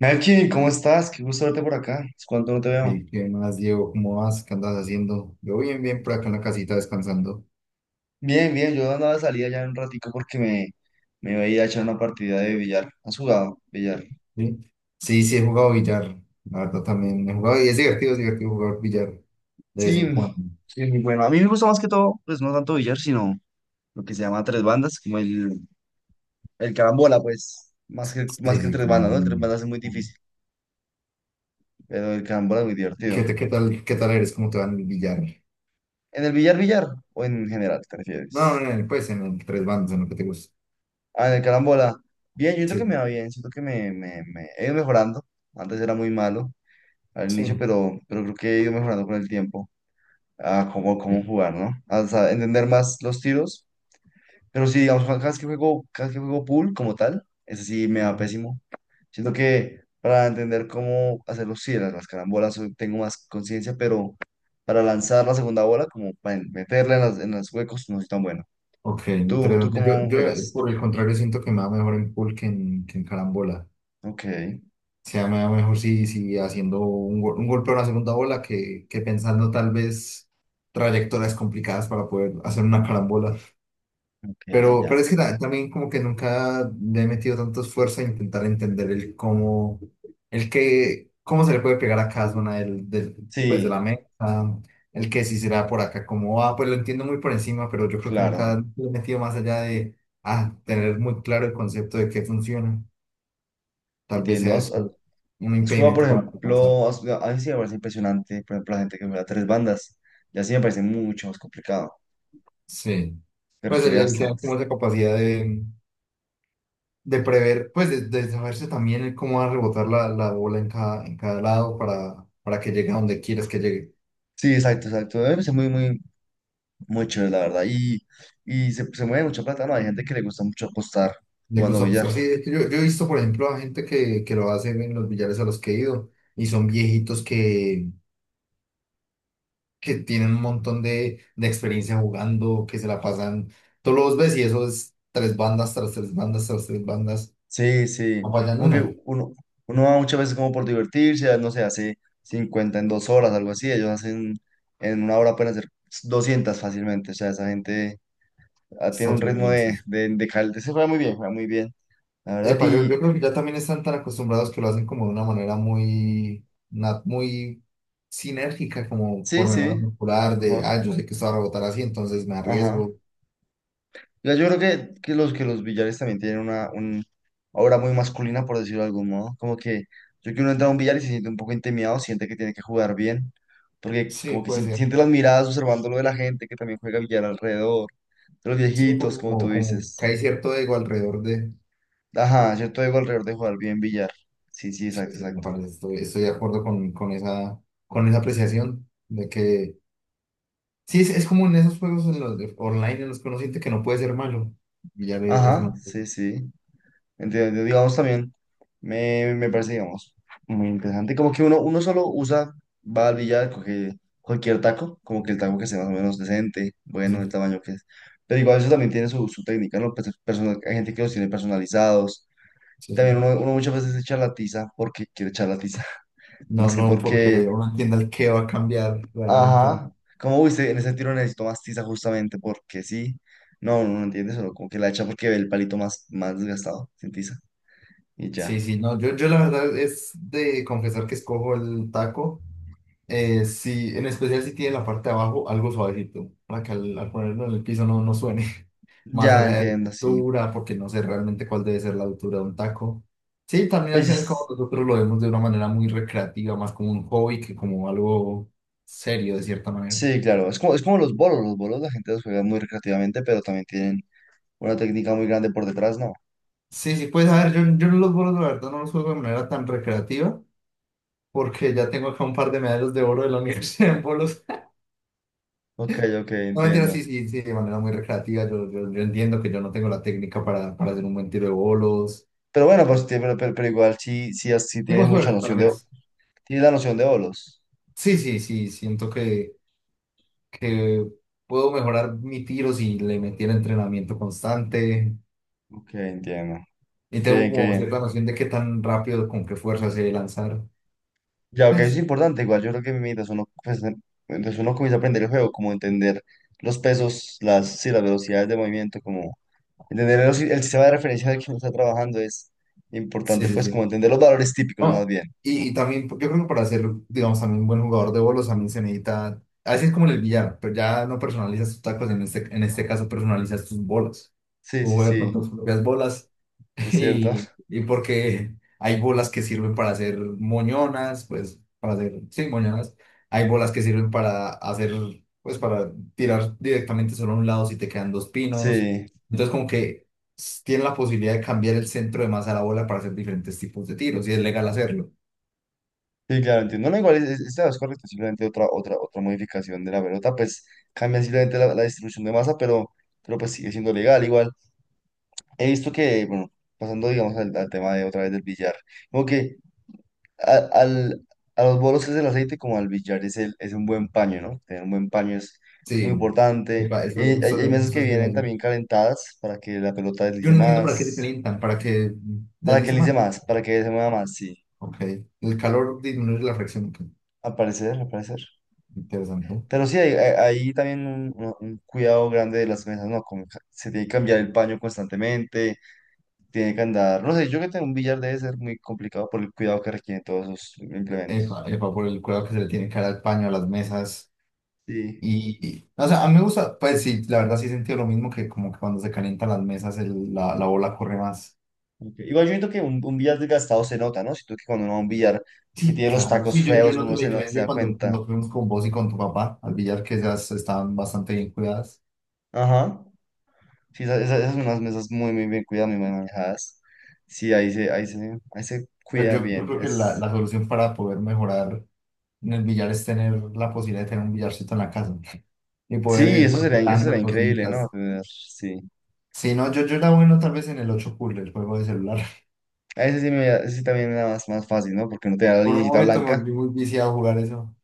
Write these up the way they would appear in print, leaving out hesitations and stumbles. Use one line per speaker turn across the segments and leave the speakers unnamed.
Melkin, ¿cómo estás? Qué gusto verte por acá. ¿Es cuánto no te veo?
Ey, ¿qué más, Diego? ¿Cómo vas? ¿Qué andas haciendo? Yo bien, bien, por acá en la casita descansando.
Bien, bien, yo andaba de salida ya un ratico porque me iba a ir a echar una partida de billar. ¿Has jugado billar?
Sí, sí, sí he jugado billar. La verdad también he jugado y es divertido jugar billar de vez en cuando.
Sí, sí, bueno, a mí me gusta más que todo, pues no tanto billar, sino lo que se llama tres bandas, como el carambola, pues, más
Sí,
que el
sí,
tres
con
bandas,
amor.
¿no? El tres bandas es muy difícil, pero el carambola es muy
¿Y
divertido.
qué, qué tal eres? ¿Cómo te va en el billar?
¿En el billar, billar o en general, te
No,
refieres?
en el, pues en el tres bandas, en lo que te gusta.
Ah, en el carambola. Bien, yo siento que me
Sí,
va bien, siento que me he ido mejorando. Antes era muy malo, al inicio,
sí.
pero creo que he ido mejorando con el tiempo a cómo
Sí.
jugar, ¿no? O sea, entender más los tiros. Pero sí, digamos, cada vez que juego pool como tal, ese sí me va
Ajá.
pésimo. Siento que para entender cómo hacer los cierres, las carambolas, hoy tengo más conciencia, pero para lanzar la segunda bola, como para meterla en en los huecos, no soy tan bueno.
Ok,
Tú
interesante. Yo,
cómo
yo,
juegas?
por el contrario, siento que me va mejor en pool que que en carambola.
Ok,
Sea mejor si, si haciendo un golpe a una segunda bola que pensando tal vez trayectorias complicadas para poder hacer una carambola.
ok,
Pero
ya.
es que también como que nunca le he metido tanto esfuerzo a intentar entender el cómo, el que, cómo se le puede pegar a cada zona pues de la
Sí,
meta, el que si será por acá, cómo va, pues lo entiendo muy por encima, pero yo creo que
claro,
nunca le he metido más allá de tener muy claro el concepto de qué funciona. Tal vez sea
entiendo.
eso un
Suba, por
impedimento para alcanzar.
ejemplo, a a mí sí me parece impresionante, por ejemplo, la gente que juega tres bandas, y así me parece mucho más complicado,
Sí.
pero
Pues
requiere
él tenía
bastante.
como esa capacidad de prever, pues de saberse también el cómo va a rebotar la bola en cada lado para que llegue a donde quieras que llegue.
Sí, exacto, exacto, me parece muy chévere, la verdad, y, se mueve mucha plata, ¿no? Hay gente que le gusta mucho apostar
Le
jugando
gusta apostar.
billar.
Sí, es que yo he visto, por ejemplo, a gente que lo hace en los billares a los que he ido y son viejitos que tienen un montón de experiencia jugando, que se la pasan. Todos los ves y eso es tres bandas tras tres bandas tras tres bandas.
Sí, sí,
No fallan
como que
una.
uno va muchas veces como por divertirse, no sé, hace 50 en 2 horas, algo así, en 1 hora pueden hacer 200 fácilmente, o sea, esa gente ah,
Está
tiene un
otro
ritmo
nivel, sí.
de, se juega muy bien, la verdad,
Epa, yo,
y...
yo creo que ya también están tan acostumbrados que lo hacen como de una manera muy, muy sinérgica, como
Sí,
por memoria
sí,
muscular, de,
mejor.
ah, yo sé que esto va a rebotar así, entonces me
Ajá.
arriesgo.
Ya, yo creo que los billares también tienen una un aura muy masculina, por decirlo de algún modo. Como que yo que uno entra a un billar y se siente un poco intimidado, siente que tiene que jugar bien, porque
Sí,
como que
puede ser.
siente las miradas observando lo de la gente que también juega billar alrededor, de los
Sí, un
viejitos,
poco
como
como,
tú
como que
dices.
hay cierto ego alrededor de...
Ajá, yo todo digo alrededor de jugar bien billar. Sí, sí,
Sí,
exacto,
sí, me
exacto.
parece, estoy de acuerdo con esa apreciación de que... Sí, es como en esos juegos en los online en los que uno siente que no puede ser malo. Y ya es
Ajá,
malo.
sí, sí. Entonces, digamos, también me parece, digamos, muy interesante. Como que uno solo usa, va al billar, coge cualquier taco, como que el taco que sea más o menos decente,
Sí,
bueno, el tamaño que es. Pero igual eso también tiene su técnica, ¿no? Pues, hay gente que los tiene personalizados.
sí,
También
sí.
uno muchas veces echa la tiza porque quiere echar la tiza,
No,
más que
no,
porque,
porque uno entienda el qué va a cambiar realmente.
ajá, como viste, en ese tiro necesito más tiza justamente porque sí. No entiendes, solo como que la echa porque ve el palito más desgastado, sin tiza. Y
Sí,
ya.
sí, no, yo la verdad es de confesar que escojo el taco, sí, en especial si tiene la parte de abajo algo suavecito, para que al ponerlo en el piso no suene, más
Ya
allá de la
entiendo, sí.
altura, porque no sé realmente cuál debe ser la altura de un taco. Sí, también al final como
Pues
nosotros lo vemos de una manera muy recreativa, más como un hobby que como algo serio de cierta manera.
sí, claro, es como los bolos la gente los juega muy recreativamente, pero también tienen una técnica muy grande por detrás, ¿no?
Sí, sí, pues a ver, yo los bolos la verdad no los juego de manera tan recreativa, porque ya tengo acá un par de medallas de oro de la universidad en bolos.
Ok, ok,
No, mentira,
entiendo.
sí, sí, sí, de manera muy recreativa. Yo entiendo que yo no tengo la técnica para hacer un buen tiro de bolos.
Pero bueno, pues, pero igual sí, sí, sí
Tengo
tienes mucha
suerte, tal
noción de,
vez.
tienes la noción de bolos.
Sí, sí, sí, siento que puedo mejorar mi tiro si le metiera entrenamiento constante.
Ok, entiendo.
Y
Qué
tengo
bien, qué
como
bien.
cierta noción de qué tan rápido, con qué fuerza sé lanzar.
Ya, ok, eso es
Pues,
importante, igual yo creo que mientras uno, pues, mientras uno comienza a aprender el juego, como entender los pesos, sí, las velocidades de movimiento, como entender el sistema de referencia del que uno está trabajando es
sí,
importante,
sí,
pues como
sí.
entender los valores típicos más
No,
bien.
y también, yo creo que para ser, digamos, también un buen jugador de bolos, también se necesita, a veces es como en el billar, pero ya no personalizas tus tacos, en este caso personalizas tus bolas.
Sí,
Tú
sí,
juegas con
sí,
tus propias bolas
es cierto.
y porque hay bolas que sirven para hacer moñonas, pues, para hacer, sí, moñonas. Hay bolas que sirven para hacer, pues, para tirar directamente solo a un lado si te quedan dos pinos.
Sí,
Entonces, como que tiene la posibilidad de cambiar el centro de masa de la bola para hacer diferentes tipos de tiros y es legal hacerlo.
sí, claro, entiendo. No, igual, es correcto, simplemente otra modificación de la pelota, pues cambia simplemente la distribución de masa, pero pues sigue siendo legal. Igual, he visto que, bueno, pasando, digamos, al tema de otra vez del billar, como que a, al, a los bolos es el aceite, como al billar es un buen paño, ¿no? Tener un buen paño es muy
Sí.
importante.
Epa,
Y
eso justo,
hay mesas
justo
que
se iba a
vienen
decir.
también calentadas para que la pelota
Yo
deslice
no entiendo para qué se
más,
calientan, para que
para que
deslice más.
deslice más, para que se mueva más, sí.
Ok, el calor disminuye la fricción. Ok.
Al parecer, al parecer.
Interesante.
Pero sí, hay también un cuidado grande de las mesas, ¿no? Como se tiene que cambiar el paño constantemente, tiene que andar. No sé, yo que tengo un billar debe ser muy complicado por el cuidado que requieren todos esos
Epa,
implementos.
epa, por el cuidado que se le tiene que dar al paño, a las mesas.
Sí.
O sea, a mí me gusta, pues sí, la verdad sí he sentido lo mismo que como que cuando se calientan las mesas la, la bola corre más.
Ok. Igual yo siento que un billar desgastado se nota, ¿no? Siento que cuando uno va a un billar que
Sí,
tiene los
claro, no,
tacos
sí, yo
feos,
noto la
se
diferencia
da
cuando
cuenta.
nos fuimos con vos y con tu papá al billar, que ellas estaban bastante bien cuidadas.
Ajá. Sí, esas son unas mesas muy bien cuidadas, muy bien manejadas. Sí, ahí se
Pero
cuida
yo
bien.
creo que
Es...
la solución para poder mejorar en el billar es tener la posibilidad de tener un billarcito en la casa y poder
Sí,
ir
eso sería
practicando
increíble, ¿no?
cositas.
Tener- sí.
Si no, yo era bueno tal vez en el 8 pool, el juego de celular.
A ese sí, ese sí también era más fácil, ¿no? Porque no tenía la
Por un
linecita
momento me
blanca.
volví muy viciado a jugar eso.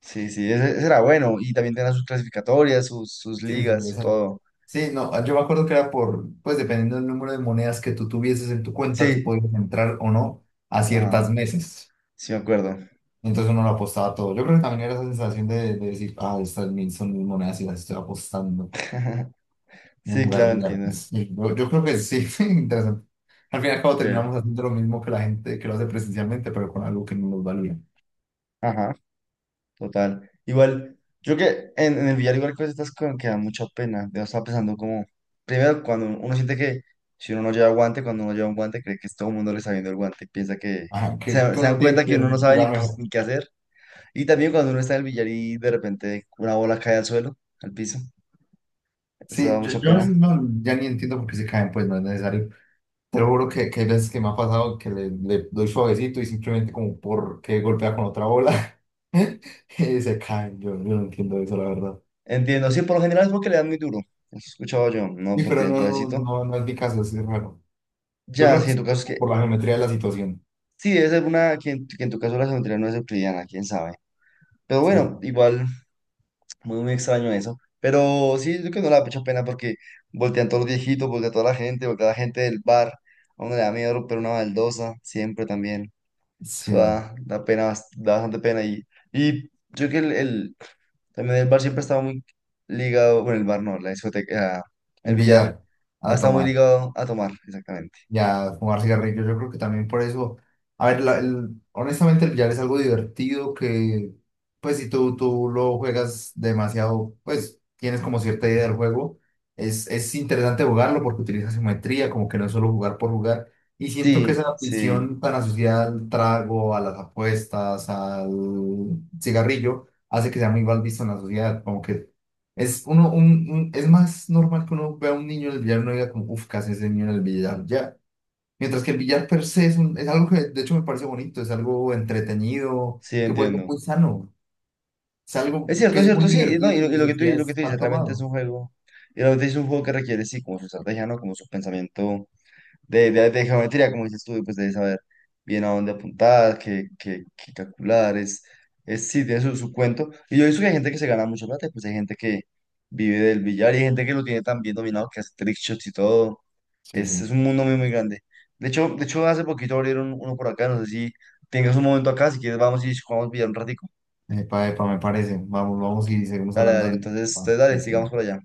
Sí, sí, ese era bueno. Y también tenía sus clasificatorias, sus
Sí, sí,
ligas,
sí,
su
esa.
todo.
Sí, no, yo me acuerdo que era por, pues dependiendo del número de monedas que tú tuvieses en tu cuenta, tú
Sí,
podías entrar o no a
ajá,
ciertas mesas.
sí me acuerdo.
Entonces uno lo apostaba todo. Yo creo que también era esa sensación de decir, ah, estas 1000 son mis monedas y las estoy apostando. Un
Sí,
lugar,
claro,
lugar.
entiendo.
Sí, yo creo que sí, interesante. Al final, cabo
Sí.
terminamos haciendo lo mismo que la gente que lo hace presencialmente, pero con algo que no nos valía.
Ajá, total. Igual, yo creo que en el billar igual que estas cosas que da mucha pena. Yo estaba pensando como, primero, cuando uno siente que si uno no lleva guante, cuando uno lleva un guante, cree que todo el mundo le está viendo el guante. Piensa que,
Ajá, que
se
uno
dan
tiene que
cuenta que
tener
uno no
un
sabe
lugar mejor.
ni qué hacer. Y también cuando uno está en el billar y de repente una bola cae al suelo, al piso, eso
Sí,
da
yo,
mucha
yo a veces
pena.
no, ya ni entiendo por qué se caen, pues no es necesario. Te lo juro que hay veces que me ha pasado que le doy suavecito y simplemente como porque golpea con otra bola, y se caen. Yo no entiendo eso, la verdad.
Entiendo, sí, por lo general es porque le dan muy duro, eso he escuchado yo, no
Sí, pero
porque es
no, no,
suavecito.
no, no es mi caso, es raro. Yo
Ya,
creo que
si en
es
tu caso es que,
por la geometría de la situación.
sí, debe ser una, que que en tu caso la geometría no es euclidiana, quién sabe. Pero
Sí,
bueno, igual, muy extraño eso. Pero sí, yo creo que no le da mucha pena porque voltean todos los viejitos, voltea toda la gente, voltea la gente del bar, a uno le da miedo romper una baldosa, siempre también. Eso
sí.
da, da pena, da bastante pena. Y yo creo que también el bar siempre ha estado muy ligado, bueno, el bar no, la discoteca, ah, el
El
billar,
billar,
ha
a
estado muy
tomar.
ligado a tomar, exactamente.
Ya, fumar cigarrillos, yo creo que también por eso. A ver, honestamente, el billar es algo divertido que, pues, si tú lo juegas demasiado, pues, tienes como cierta idea del juego. Es interesante jugarlo porque utiliza simetría, como que no es solo jugar por jugar. Y siento que
Sí,
esa
sí,
afición tan asociada al trago, a las apuestas, al cigarrillo, hace que sea muy mal visto en la sociedad. Como que es uno, es más normal que uno vea a un niño en el billar y no diga como, uff, ¿qué hace ese niño en el billar? Ya. Mientras que el billar per se es, es algo que de hecho me parece bonito, es algo entretenido,
sí,
que puede ser
entiendo.
muy sano, es algo que
Es
es muy
cierto, sí, no,
divertido
y
sin
y
necesidad de
lo que tú
estar
dices, realmente es
tomado.
un juego, y realmente es un juego que requiere, sí, como su estrategia, ¿no? Como su pensamiento de geometría, como dices tú, y pues de saber bien a dónde apuntar, qué calcular, es sí, tiene su cuento. Y yo he visto que hay gente que se gana mucho plata, y pues hay gente que vive del billar y hay gente que lo tiene tan bien dominado que hace trickshots y todo.
Sí,
Es
sí.
un mundo muy grande. De hecho, hace poquito abrieron uno por acá, no sé si tengas un momento acá, si quieres vamos y jugamos billar un ratico.
Epa, epa, me parece. Vamos, vamos y seguimos
Dale, dale,
hablando. De-
entonces,
va,
entonces dale,
listo.
sigamos por allá.